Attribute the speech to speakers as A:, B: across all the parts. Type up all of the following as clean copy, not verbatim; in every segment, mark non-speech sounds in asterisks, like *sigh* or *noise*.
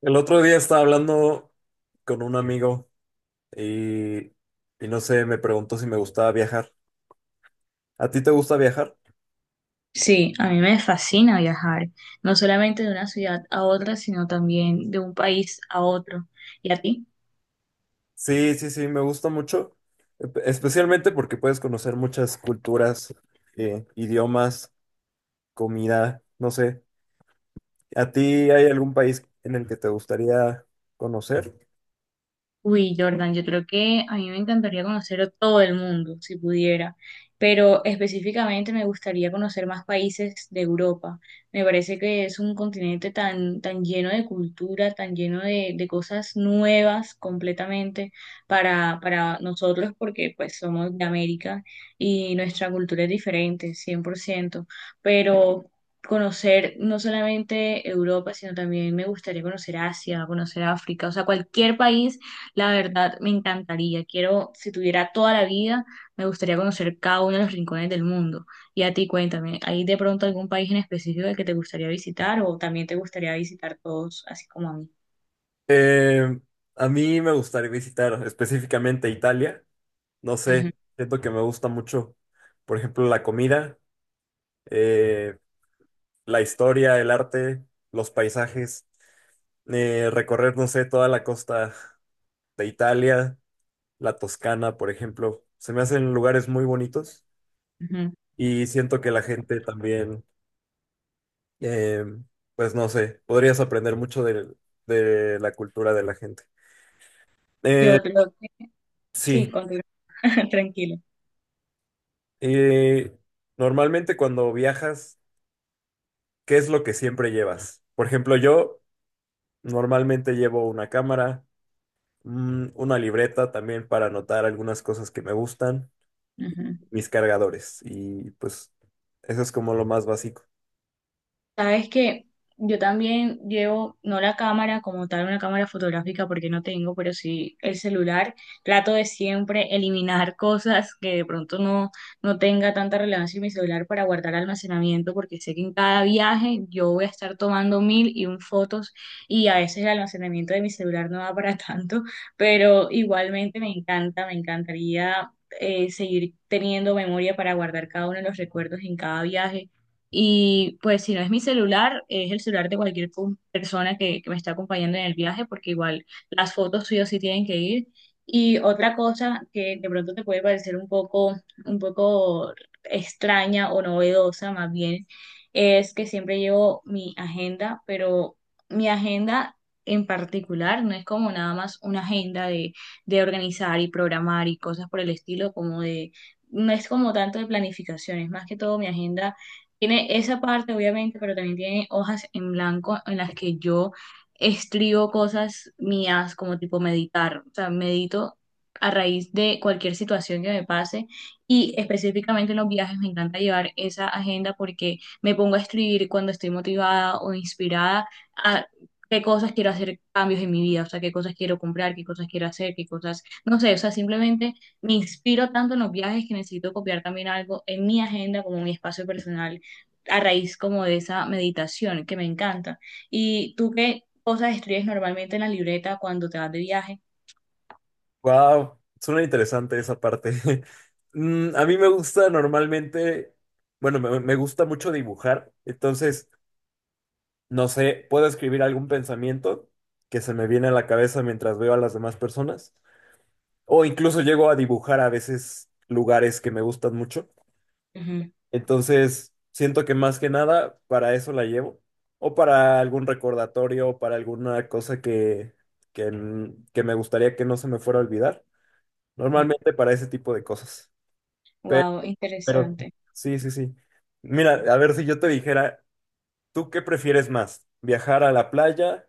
A: El otro día estaba hablando con un amigo y, y no sé, me preguntó si me gustaba viajar. ¿A ti te gusta viajar?
B: Sí, a mí me fascina viajar, no solamente de una ciudad a otra, sino también de un país a otro. ¿Y a ti?
A: Sí, sí, sí, me gusta mucho, especialmente porque puedes conocer muchas culturas, idiomas, comida, no sé. ¿A ti hay algún país en el que te gustaría conocer?
B: Uy, Jordan, yo creo que a mí me encantaría conocer a todo el mundo, si pudiera, pero específicamente me gustaría conocer más países de Europa. Me parece que es un continente tan, tan lleno de cultura, tan lleno de cosas nuevas completamente para nosotros, porque pues somos de América y nuestra cultura es diferente, 100%. Pero conocer no solamente Europa, sino también me gustaría conocer Asia, conocer África, o sea, cualquier país la verdad, me encantaría. Quiero, si tuviera toda la vida, me gustaría conocer cada uno de los rincones del mundo. Y a ti, cuéntame, ¿hay de pronto algún país en específico que te gustaría visitar o también te gustaría visitar todos, así como a mí?
A: Eh, a mí me gustaría visitar específicamente Italia. No
B: Ujú,
A: sé, siento que me gusta mucho, por ejemplo, la comida. Eh, la historia, el arte, los paisajes, recorrer, no sé, toda la costa de Italia, la Toscana, por ejemplo. Se me hacen lugares muy bonitos
B: ujú.
A: y siento que la gente también, eh, pues no sé, podrías aprender mucho de la cultura de la gente. Eh,
B: Yo creo que sí,
A: sí,
B: continúa. *laughs* Tranquilo.
A: eh, normalmente cuando viajas, ¿qué es lo que siempre llevas? Por ejemplo, yo normalmente llevo una cámara. Una libreta también para anotar algunas cosas que me gustan,
B: Ujú.
A: mis cargadores y pues eso es como lo más básico.
B: Sabes que yo también llevo, no la cámara como tal, una cámara fotográfica porque no tengo, pero sí el celular. Trato de siempre eliminar *laughs* cosas que de pronto no, no tenga tanta relevancia en mi celular para guardar almacenamiento porque sé que en cada viaje yo voy a estar tomando mil y un fotos y a veces el almacenamiento de mi celular no da para *laughs* tanto, pero igualmente me encanta, me encantaría seguir teniendo memoria para guardar cada uno de los recuerdos en cada viaje y pues si no es mi celular, es el celular de cualquier persona que me está acompañando en el viaje, porque igual las fotos suyas sí o sí tienen que ir. Y otra cosa que de pronto te puede parecer un poco extraña o novedosa más bien, es que siempre llevo mi agenda, pero mi agenda en particular no es como nada más una agenda de organizar y programar y cosas por el estilo, como de, no es como tanto de planificación, es más que todo mi agenda tiene esa parte, obviamente, pero también tiene hojas en blanco en las que yo escribo cosas mías, como tipo meditar. O sea, medito a raíz de cualquier situación que me pase y específicamente en los viajes me encanta llevar esa agenda porque me pongo a escribir cuando estoy motivada o inspirada a qué cosas quiero hacer cambios en mi vida, o sea, qué cosas quiero comprar, qué cosas quiero hacer, qué cosas, no sé, o sea, simplemente me inspiro tanto en los viajes que necesito copiar también algo en mi agenda como mi espacio personal a raíz como de esa meditación que me encanta. ¿Y tú qué cosas escribes normalmente en la libreta cuando te vas de viaje?
A: Wow, suena interesante esa parte. *laughs* A mí me gusta normalmente, bueno, me gusta mucho dibujar, entonces, no sé, puedo escribir algún pensamiento que se me viene a la cabeza mientras veo a las demás personas o incluso llego a dibujar a veces lugares que me gustan mucho. Entonces, siento que más que nada para eso la llevo, o para algún recordatorio, o para alguna cosa que me gustaría que no se me fuera a olvidar. Normalmente para ese tipo de cosas. Pero,
B: Wow,
A: pero
B: interesante.
A: sí, sí, sí. Mira, a ver si yo te dijera, ¿tú qué prefieres más? ¿Viajar a la playa,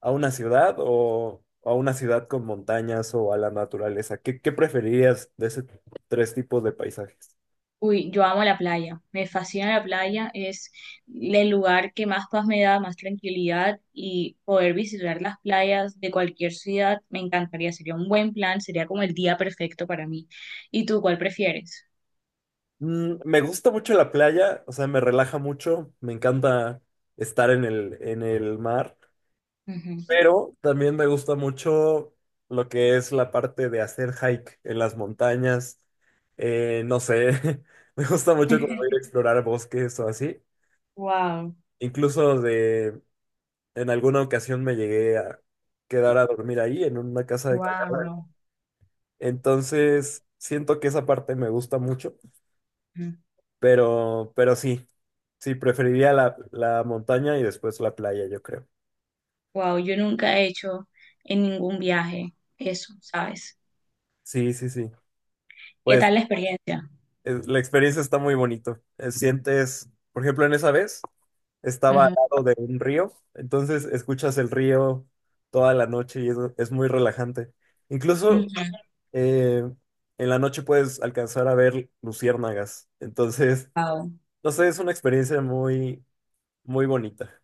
A: a una ciudad o a una ciudad con montañas o a la naturaleza? Qué preferirías de esos tres tipos de paisajes?
B: Uy, yo amo la playa, me fascina la playa, es el lugar que más paz me da, más tranquilidad y poder visitar las playas de cualquier ciudad me encantaría, sería un buen plan, sería como el día perfecto para mí. ¿Y tú cuál prefieres?
A: Me gusta mucho la playa, o sea, me relaja mucho, me encanta estar en el mar, pero también me gusta mucho lo que es la parte de hacer hike en las montañas, no sé, *laughs* me gusta mucho como ir a explorar bosques o así,
B: Wow,
A: incluso en alguna ocasión me llegué a quedar a dormir ahí en una casa de campaña,
B: wow.
A: entonces siento que esa parte me gusta mucho.
B: *laughs*
A: Pero sí, sí, preferiría la montaña y después la playa, yo creo.
B: Wow, yo nunca he hecho en ningún viaje eso, ¿sabes?
A: Sí, sí, sí.
B: ¿Qué
A: Pues
B: tal la experiencia?
A: la experiencia está muy bonito. Sientes, por ejemplo, en esa vez estaba al
B: Ujú.
A: lado de un río, entonces escuchas el río toda la noche y es muy relajante. Incluso eh, en la noche puedes alcanzar a ver luciérnagas. Entonces,
B: Wow,
A: no sé, es una experiencia muy, muy bonita.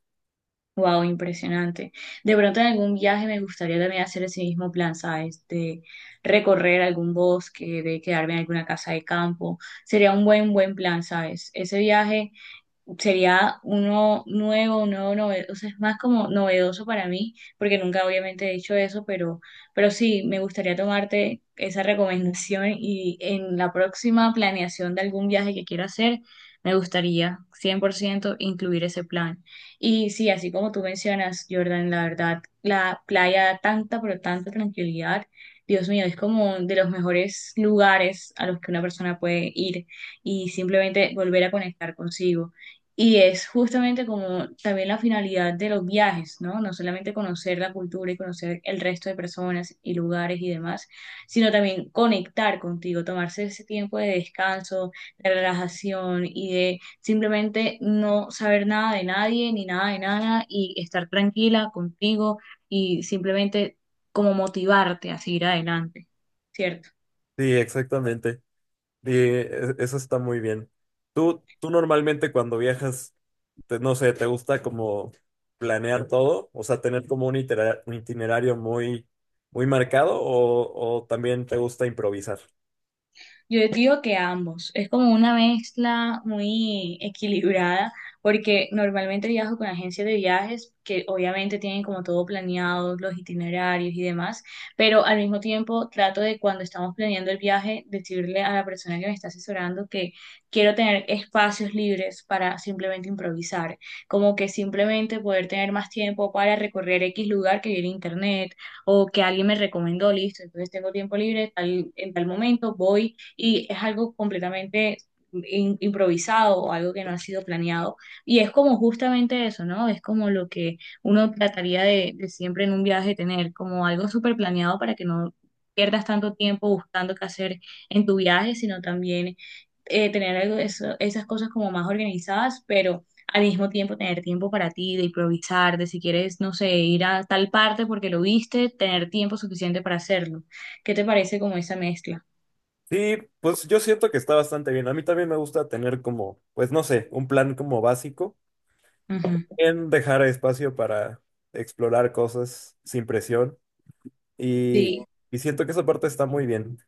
B: wow, impresionante. De pronto en algún viaje me gustaría también hacer ese mismo plan, ¿sabes? De recorrer algún bosque, de quedarme en alguna casa de campo. Sería un buen, buen plan, ¿sabes? Ese viaje sería uno nuevo, un nuevo novedoso, o sea, es más como novedoso para mí, porque nunca obviamente he dicho eso, pero sí, me gustaría tomarte esa recomendación y en la próxima planeación de algún viaje que quiera hacer, me gustaría 100% incluir ese plan. Y sí, así como tú mencionas, Jordan, la verdad, la playa da tanta, pero tanta tranquilidad. Dios mío, es como de los mejores lugares a los que una persona puede ir y simplemente volver a conectar consigo. Y es justamente como también la finalidad de los viajes, ¿no? No solamente conocer la cultura y conocer el resto de personas y lugares y demás, sino también conectar contigo, tomarse ese tiempo de descanso, de relajación y de simplemente no saber nada de nadie ni nada de nada y estar tranquila contigo y simplemente como motivarte a seguir adelante, ¿cierto?
A: Sí, exactamente. Sí, eso está muy bien. Tú normalmente cuando viajas, no sé, ¿te gusta como planear todo? O sea, tener como un itinerario muy, muy marcado o también te gusta improvisar.
B: Yo digo que ambos. Es como una mezcla muy equilibrada, porque normalmente viajo con agencias de viajes que obviamente tienen como todo planeado, los itinerarios y demás, pero al mismo tiempo trato de cuando estamos planeando el viaje, decirle a la persona que me está asesorando que quiero tener espacios libres para simplemente improvisar, como que simplemente poder tener más tiempo para recorrer X lugar que vi en internet o que alguien me recomendó, listo, entonces tengo tiempo libre, tal, en tal momento voy y es algo completamente improvisado o algo que no ha sido planeado. Y es como justamente eso, ¿no? Es como lo que uno trataría de siempre en un viaje tener, como algo súper planeado para que no pierdas tanto tiempo buscando qué hacer en tu viaje, sino también tener algo, esas cosas como más organizadas, pero al mismo tiempo tener tiempo para ti, de improvisar, de si quieres, no sé, ir a tal parte porque lo viste, tener tiempo suficiente para hacerlo. ¿Qué te parece como esa mezcla?
A: Sí, pues yo siento que está bastante bien. A mí también me gusta tener como, pues no sé, un plan como básico,
B: Ujú.
A: en dejar espacio para explorar cosas sin presión y,
B: Sí.
A: y siento que esa parte está muy bien.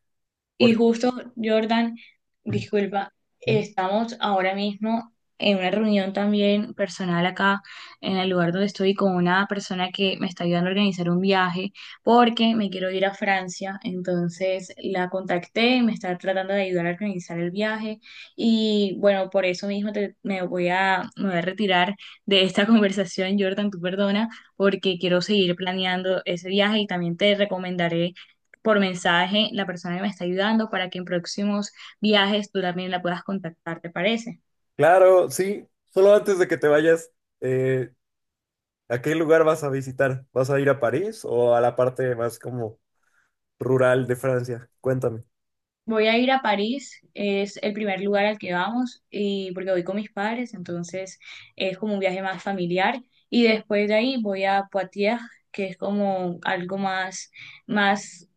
B: Y
A: porque-
B: justo, Jordan, disculpa, estamos ahora mismo en una reunión también personal acá en el lugar donde estoy con una persona que me está ayudando a organizar un viaje porque me quiero ir a Francia. Entonces la contacté me está tratando de ayudar a organizar el viaje. Y bueno, por eso mismo me voy a retirar de esta *laughs* conversación, Jordan, tú perdona, porque quiero seguir planeando ese viaje y también te recomendaré por mensaje la persona que me está ayudando para que en próximos viajes tú también la puedas contactar, ¿te parece?
A: Claro, sí. Solo antes de que te vayas, eh, ¿a qué lugar vas a visitar? ¿Vas a ir a París o a la parte más como rural de Francia? Cuéntame.
B: Voy a ir a París, es el primer lugar al que vamos y porque voy con mis padres, entonces es como un viaje más familiar y después de ahí voy a Poitiers, que es como algo más más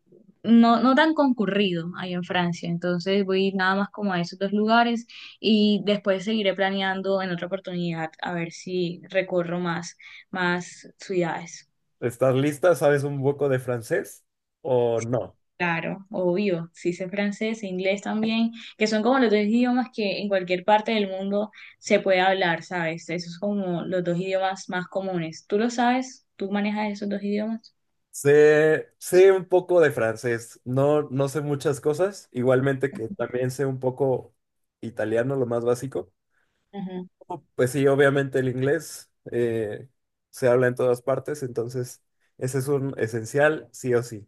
B: no tan concurrido ahí en Francia, entonces voy nada más como a esos dos lugares y después seguiré planeando en otra oportunidad a ver si recorro más más ciudades.
A: ¿Estás lista? ¿Sabes un poco de francés o no?
B: Claro, obvio, sí sé francés, e inglés también, que son como los dos idiomas que en cualquier parte del mundo se puede hablar, ¿sabes? Esos son como los dos idiomas más comunes. ¿Tú lo sabes? ¿Tú manejas esos dos idiomas?
A: Sé un poco de francés. No sé muchas cosas. Igualmente que también sé un poco italiano, lo más básico. Oh, pues sí, obviamente el inglés se habla en todas partes, entonces ese es un esencial, sí o sí.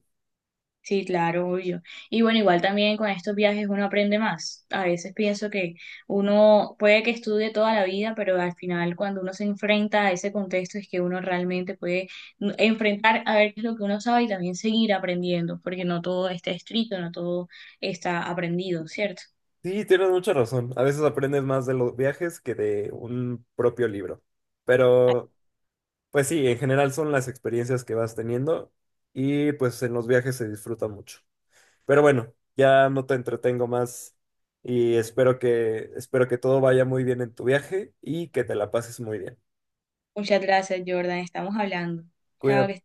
B: Sí, claro, obvio. Y bueno, igual también con estos viajes uno aprende más. A veces pienso que uno puede que estudie toda la vida, pero al final cuando uno se enfrenta a ese contexto es que uno realmente puede enfrentar a ver qué es lo que uno sabe y también seguir aprendiendo, porque no todo está escrito, no todo está aprendido, ¿cierto?
A: Sí, tienes mucha razón. A veces aprendes más de los viajes que de un propio libro. Pero, pues sí, en general son las experiencias que vas teniendo y pues en los viajes se disfruta mucho. Pero bueno, ya no te entretengo más y espero espero que todo vaya muy bien en tu viaje y que te la pases muy bien.
B: Muchas gracias, Jordan. Estamos hablando. Chao,
A: Cuídate.
B: que